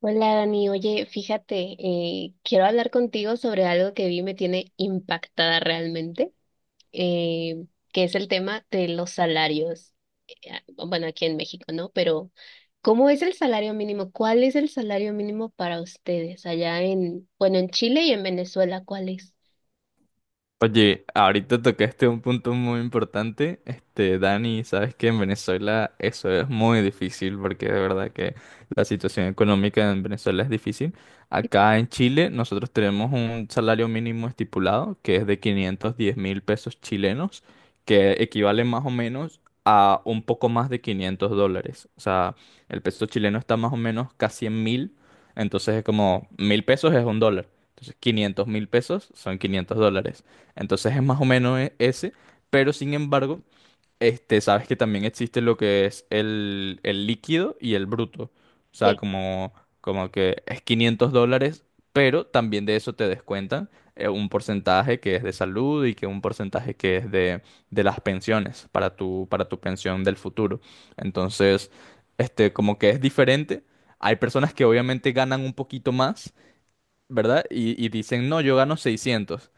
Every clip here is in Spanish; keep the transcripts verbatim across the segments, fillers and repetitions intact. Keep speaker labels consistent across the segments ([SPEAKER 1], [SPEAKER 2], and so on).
[SPEAKER 1] Hola Dani, oye, fíjate, eh, quiero hablar contigo sobre algo que vi me tiene impactada realmente, eh, que es el tema de los salarios. Eh, ah, bueno, aquí en México, ¿no? Pero, ¿cómo es el salario mínimo? ¿Cuál es el salario mínimo para ustedes allá en, bueno, en Chile y en Venezuela, cuál es?
[SPEAKER 2] Oye, ahorita tocaste un punto muy importante, este, Dani, sabes que en Venezuela eso es muy difícil porque de verdad que la situación económica en Venezuela es difícil. Acá en Chile nosotros tenemos un salario mínimo estipulado que es de quinientos diez mil pesos chilenos, que equivale más o menos a un poco más de quinientos dólares. O sea, el peso chileno está más o menos casi en mil, entonces es como mil pesos es un dólar. Entonces, quinientos mil pesos son quinientos dólares. Entonces es más o menos e- ese, pero sin embargo, este, sabes que también existe lo que es el, el líquido y el bruto. O sea,
[SPEAKER 1] Sí,
[SPEAKER 2] como, como que es quinientos dólares, pero también de eso te descuentan eh, un porcentaje que es de salud y que un porcentaje que es de, de las pensiones para tu, para tu pensión del futuro. Entonces, este, como que es diferente. Hay personas que obviamente ganan un poquito más, ¿verdad? Y, y dicen, no, yo gano seiscientos.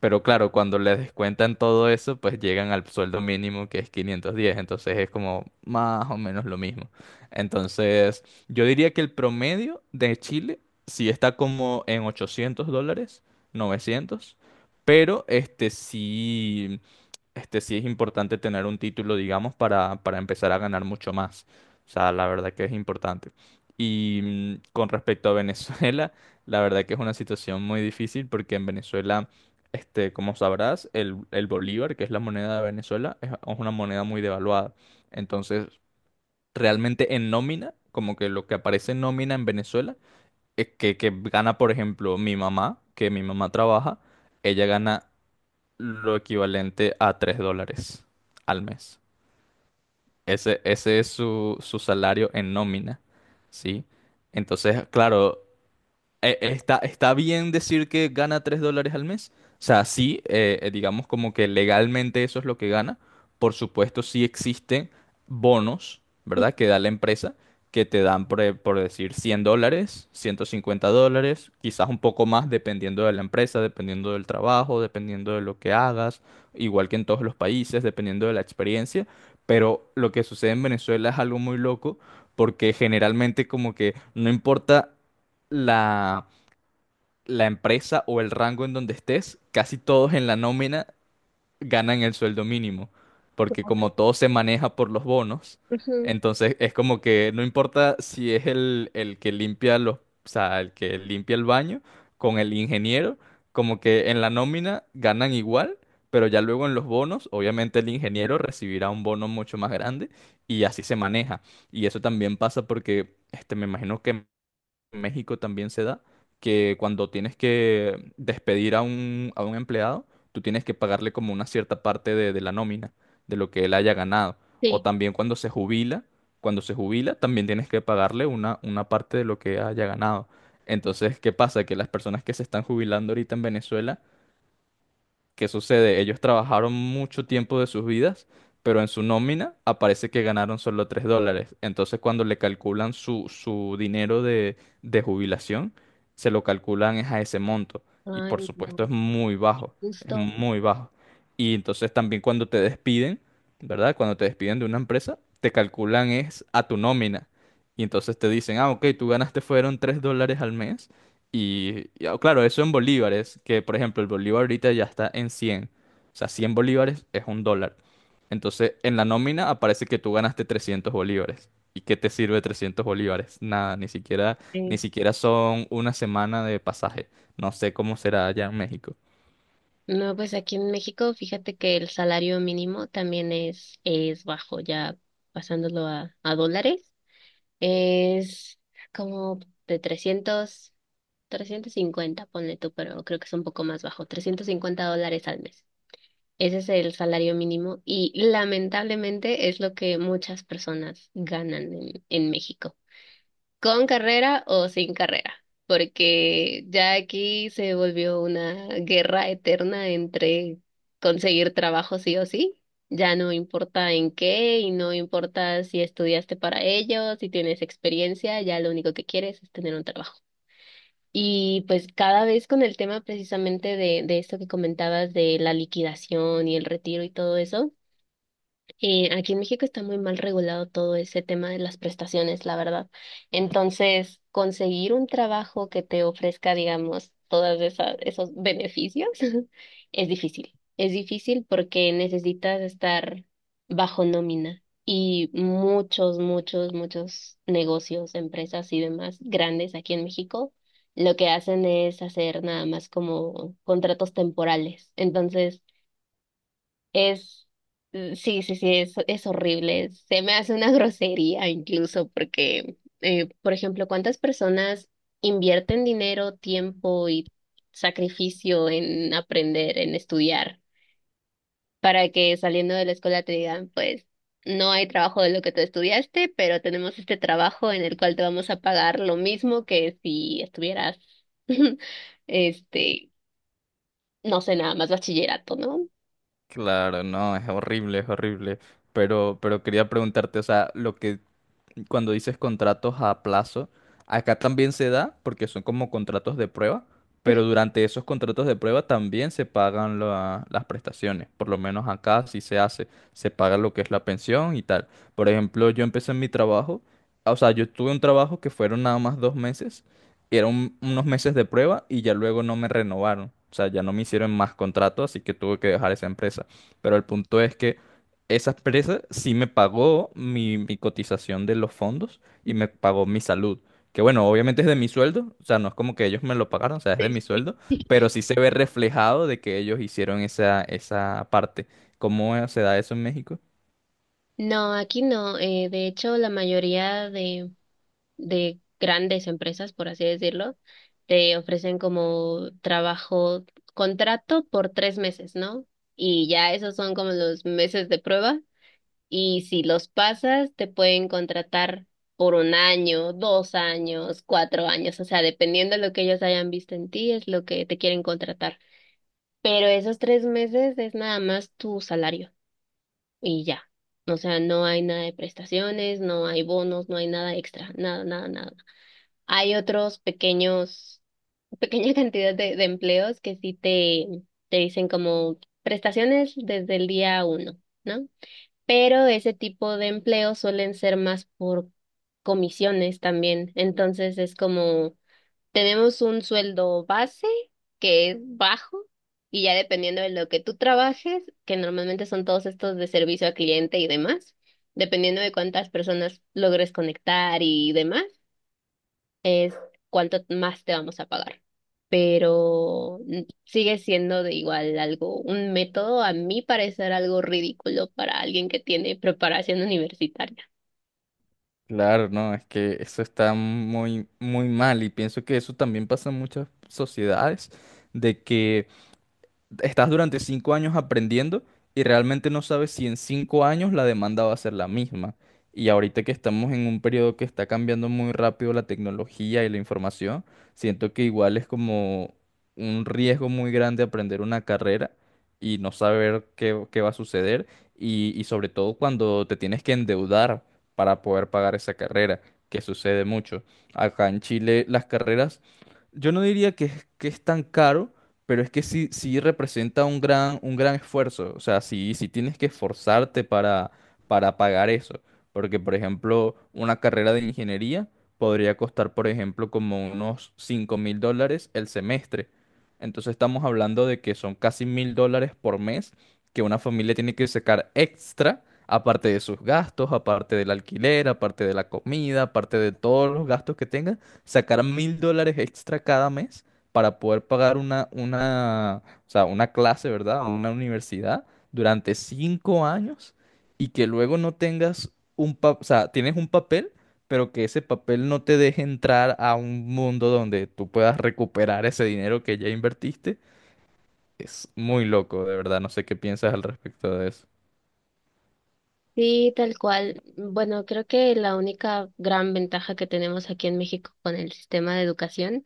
[SPEAKER 2] Pero claro, cuando les descuentan todo eso, pues llegan al sueldo mínimo que es quinientos diez. Entonces es como más o menos lo mismo. Entonces, yo diría que el promedio de Chile sí está como en ochocientos dólares, novecientos. Pero este sí, este sí es importante tener un título, digamos, para, para empezar a ganar mucho más. O sea, la verdad que es importante. Y mm, con respecto a Venezuela. La verdad que es una situación muy difícil porque en Venezuela, este, como sabrás, el, el bolívar, que es la moneda de Venezuela, es es una moneda muy devaluada. Entonces, realmente en nómina, como que lo que aparece en nómina en Venezuela, es que, que gana, por ejemplo, mi mamá, que mi mamá trabaja, ella gana lo equivalente a tres dólares al mes. Ese, ese es su, su salario en nómina, ¿sí? Entonces, claro. Eh, eh, Está, está bien decir que gana tres dólares al mes. O sea, sí, eh, eh, digamos como que legalmente eso es lo que gana. Por supuesto, sí existen bonos, ¿verdad? Que da la empresa, que te dan, por, eh, por decir, cien dólares, ciento cincuenta dólares, quizás un poco más dependiendo de la empresa, dependiendo del trabajo, dependiendo de lo que hagas, igual que en todos los países, dependiendo de la experiencia. Pero lo que sucede en Venezuela es algo muy loco, porque generalmente como que no importa la la empresa o el rango en donde estés, casi todos en la nómina ganan el sueldo mínimo, porque
[SPEAKER 1] como que-
[SPEAKER 2] como todo se maneja por los bonos,
[SPEAKER 1] ujú,
[SPEAKER 2] entonces es como que no importa si es el, el que limpia los, o sea, el que limpia el baño con el ingeniero, como que en la nómina ganan igual, pero ya luego en los bonos, obviamente el ingeniero recibirá un bono mucho más grande y así se maneja. Y eso también pasa porque, este, me imagino que en México también se da, que cuando tienes que despedir a un, a un empleado, tú tienes que pagarle como una cierta parte de, de la nómina, de lo que él haya ganado. O
[SPEAKER 1] sí.
[SPEAKER 2] también cuando se jubila, cuando se jubila, también tienes que pagarle una, una parte de lo que haya ganado. Entonces, ¿qué pasa? Que las personas que se están jubilando ahorita en Venezuela, ¿qué sucede? Ellos trabajaron mucho tiempo de sus vidas, pero en su nómina aparece que ganaron solo tres dólares. Entonces, cuando le calculan su, su dinero de, de jubilación, se lo calculan es a ese monto. Y
[SPEAKER 1] Ay,
[SPEAKER 2] por
[SPEAKER 1] no,
[SPEAKER 2] supuesto es muy bajo, es
[SPEAKER 1] justo.
[SPEAKER 2] muy bajo. Y entonces también cuando te despiden, ¿verdad? Cuando te despiden de una empresa, te calculan es a tu nómina. Y entonces te dicen, ah, ok, tú ganaste fueron tres dólares al mes y, y, ah, claro, eso en bolívares, que por ejemplo el bolívar ahorita ya está en cien. O sea, cien bolívares es un dólar. Entonces, en la nómina aparece que tú ganaste trescientos bolívares. ¿Y qué te sirve trescientos bolívares? Nada, ni siquiera, ni siquiera son una semana de pasaje. No sé cómo será allá en México.
[SPEAKER 1] No, pues aquí en México, fíjate que el salario mínimo también es, es bajo, ya pasándolo a, a dólares, es como de trescientos trescientos cincuenta ponle tú, pero creo que es un poco más bajo, trescientos cincuenta dólares al mes. Ese es el salario mínimo, y lamentablemente es lo que muchas personas ganan en, en México, con carrera o sin carrera, porque ya aquí se volvió una guerra eterna entre conseguir trabajo sí o sí. Ya no importa en qué, y no importa si estudiaste para ello, si tienes experiencia, ya lo único que quieres es tener un trabajo. Y pues cada vez con el tema precisamente de, de esto que comentabas de la liquidación y el retiro y todo eso. Eh, aquí en México está muy mal regulado todo ese tema de las prestaciones, la verdad. Entonces, conseguir un trabajo que te ofrezca, digamos, todos esos beneficios es difícil. Es difícil porque necesitas estar bajo nómina, y muchos, muchos, muchos negocios, empresas y demás grandes aquí en México lo que hacen es hacer nada más como contratos temporales. Entonces, es, mm, sí, sí, sí, es, es horrible. Se me hace una grosería incluso porque, eh, por ejemplo, ¿cuántas personas invierten dinero, tiempo y sacrificio en aprender, en estudiar, para que saliendo de la escuela te digan, pues, no hay trabajo de lo que tú estudiaste, pero tenemos este trabajo en el cual te vamos a pagar lo mismo que si estuvieras, este, no sé, nada más bachillerato, ¿no?
[SPEAKER 2] Claro, no, es horrible, es horrible. Pero, pero quería preguntarte, o sea, lo que cuando dices contratos a plazo, acá también se da porque son como contratos de prueba, pero durante esos contratos de prueba también se pagan la- las prestaciones. Por lo menos acá sí se hace, se paga lo que es la pensión y tal. Por ejemplo, yo empecé en mi trabajo, o sea, yo tuve un trabajo que fueron nada más dos meses, eran unos meses de prueba y ya luego no me renovaron. O sea, ya no me hicieron más contrato, así que tuve que dejar esa empresa. Pero el punto es que esa empresa sí me pagó mi, mi cotización de los fondos y me pagó mi salud. Que bueno, obviamente es de mi sueldo, o sea, no es como que ellos me lo pagaron, o sea, es de mi sueldo, pero sí se ve reflejado de que ellos hicieron esa, esa parte. ¿Cómo eh, se da eso en México?
[SPEAKER 1] No, aquí no. Eh, de hecho, la mayoría de, de grandes empresas, por así decirlo, te ofrecen como trabajo, contrato por tres meses, ¿no? Y ya esos son como los meses de prueba. Y si los pasas, te pueden contratar por un año, dos años, cuatro años. O sea, dependiendo de lo que ellos hayan visto en ti, es lo que te quieren contratar. Pero esos tres meses es nada más tu salario y ya. O sea, no hay nada de prestaciones, no hay bonos, no hay nada extra, nada, nada, nada. Hay otros pequeños, pequeña cantidad de, de empleos que sí te, te dicen como prestaciones desde el día uno, ¿no? Pero ese tipo de empleos suelen ser más por comisiones también. Entonces es como, tenemos un sueldo base que es bajo, y ya dependiendo de lo que tú trabajes, que normalmente son todos estos de servicio al cliente y demás, dependiendo de cuántas personas logres conectar y demás, es cuánto más te vamos a pagar. Pero mm, sigue siendo de igual algo, un método a mí parecer algo ridículo para alguien que tiene preparación universitaria.
[SPEAKER 2] Claro, no, es que eso está muy, muy mal y pienso que eso también pasa en muchas sociedades, de que estás durante cinco años aprendiendo y realmente no sabes si en cinco años la demanda va a ser la misma. Y ahorita que estamos en un periodo que está cambiando muy rápido la tecnología y la información, siento que igual es como un riesgo muy grande aprender una carrera y no saber qué, qué va a suceder y, y sobre todo cuando te tienes que endeudar para poder pagar esa carrera, que sucede mucho. Acá en Chile las carreras, yo no diría que, es- que es tan caro pero es que sí, sí representa un gran, un gran esfuerzo. O sea, sí, sí tienes que esforzarte para, para pagar eso. Porque, por ejemplo, una carrera de ingeniería podría costar, por ejemplo, como unos cinco mil dólares el semestre. Entonces estamos hablando de que son casi mil dólares por mes que una familia tiene que sacar extra, aparte de sus gastos, aparte del alquiler, aparte de la comida, aparte de todos los gastos que tenga, sacar mil dólares extra cada mes para poder pagar una, una, o sea, una clase, ¿verdad? O una universidad durante cinco años y que luego no tengas un papel, o sea, tienes un papel, pero que ese papel no te deje entrar a un mundo donde tú puedas recuperar ese dinero que ya invertiste. Es muy loco, de verdad. No sé qué piensas al respecto de eso.
[SPEAKER 1] Sí, tal cual. Bueno, creo que la única gran ventaja que tenemos aquí en México con el sistema de educación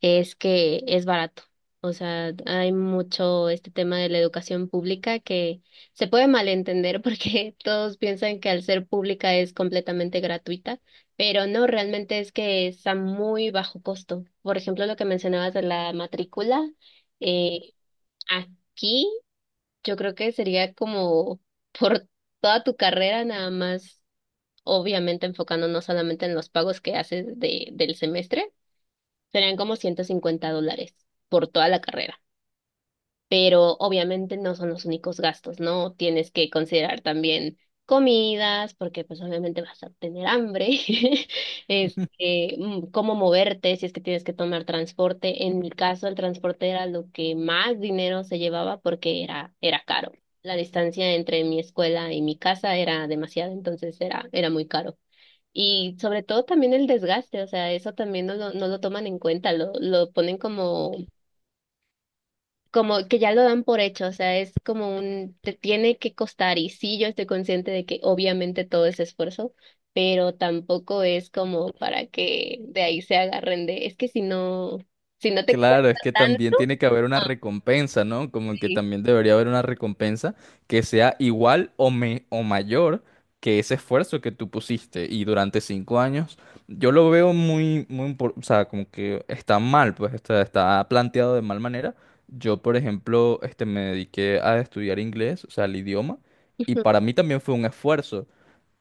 [SPEAKER 1] es que es barato. O sea, hay mucho este tema de la educación pública que se puede malentender porque todos piensan que al ser pública es completamente gratuita, pero no, realmente es que es a muy bajo costo. Por ejemplo, lo que mencionabas de la matrícula, eh, aquí. Yo creo que sería como por toda tu carrera, nada más, obviamente enfocándonos solamente en los pagos que haces de, del semestre, serían como ciento cincuenta dólares por toda la carrera, pero obviamente no son los únicos gastos, ¿no? Tienes que considerar también comidas, porque pues obviamente vas a tener hambre. Este, mm, cómo moverte, si es que tienes que tomar transporte. En mi caso, el transporte era lo que más dinero se llevaba porque era, era caro. La distancia entre mi escuela y mi casa era demasiada, entonces era, era muy caro. Y sobre todo también el desgaste, o sea, eso también no lo, no lo toman en cuenta, lo, lo ponen como como que ya lo dan por hecho. O sea, es como un, te tiene que costar, y sí, yo estoy consciente de que obviamente todo es esfuerzo, pero tampoco es como para que de ahí se agarren de, es que si no, si no te
[SPEAKER 2] Claro, es
[SPEAKER 1] cuesta
[SPEAKER 2] que también
[SPEAKER 1] tanto,
[SPEAKER 2] tiene que haber una
[SPEAKER 1] ah,
[SPEAKER 2] recompensa, ¿no? Como que
[SPEAKER 1] sí,
[SPEAKER 2] también debería haber una recompensa que sea igual o, me- o mayor que ese esfuerzo que tú pusiste. Y durante cinco años, yo lo veo muy, muy, impor- o sea, como que está mal, pues está, está planteado de mal manera. Yo, por ejemplo, este, me dediqué a estudiar inglés, o sea, el idioma, y para mí también fue un esfuerzo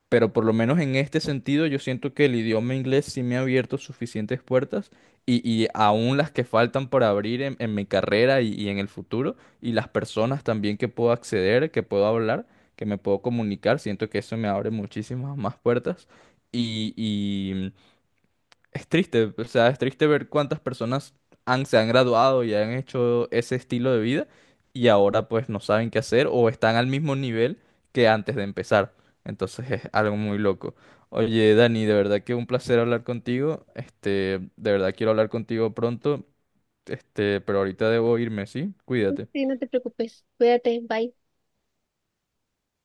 [SPEAKER 2] pero por lo menos en este sentido yo siento que el idioma inglés sí me ha abierto suficientes puertas y, y aún las que faltan por abrir en, en mi carrera y, y en el futuro y las personas también que puedo acceder, que puedo hablar, que me puedo comunicar, siento que eso me abre muchísimas más puertas y, es triste, o sea, es triste ver cuántas personas han, se han graduado y han hecho ese estilo de vida y ahora pues no saben qué hacer o están al mismo nivel que antes de empezar. Entonces es algo muy loco. Oye, Dani, de verdad que un placer hablar contigo. Este, de verdad quiero hablar contigo pronto. Este, pero ahorita debo irme, ¿sí? Cuídate.
[SPEAKER 1] sí, no te preocupes, cuídate, bye.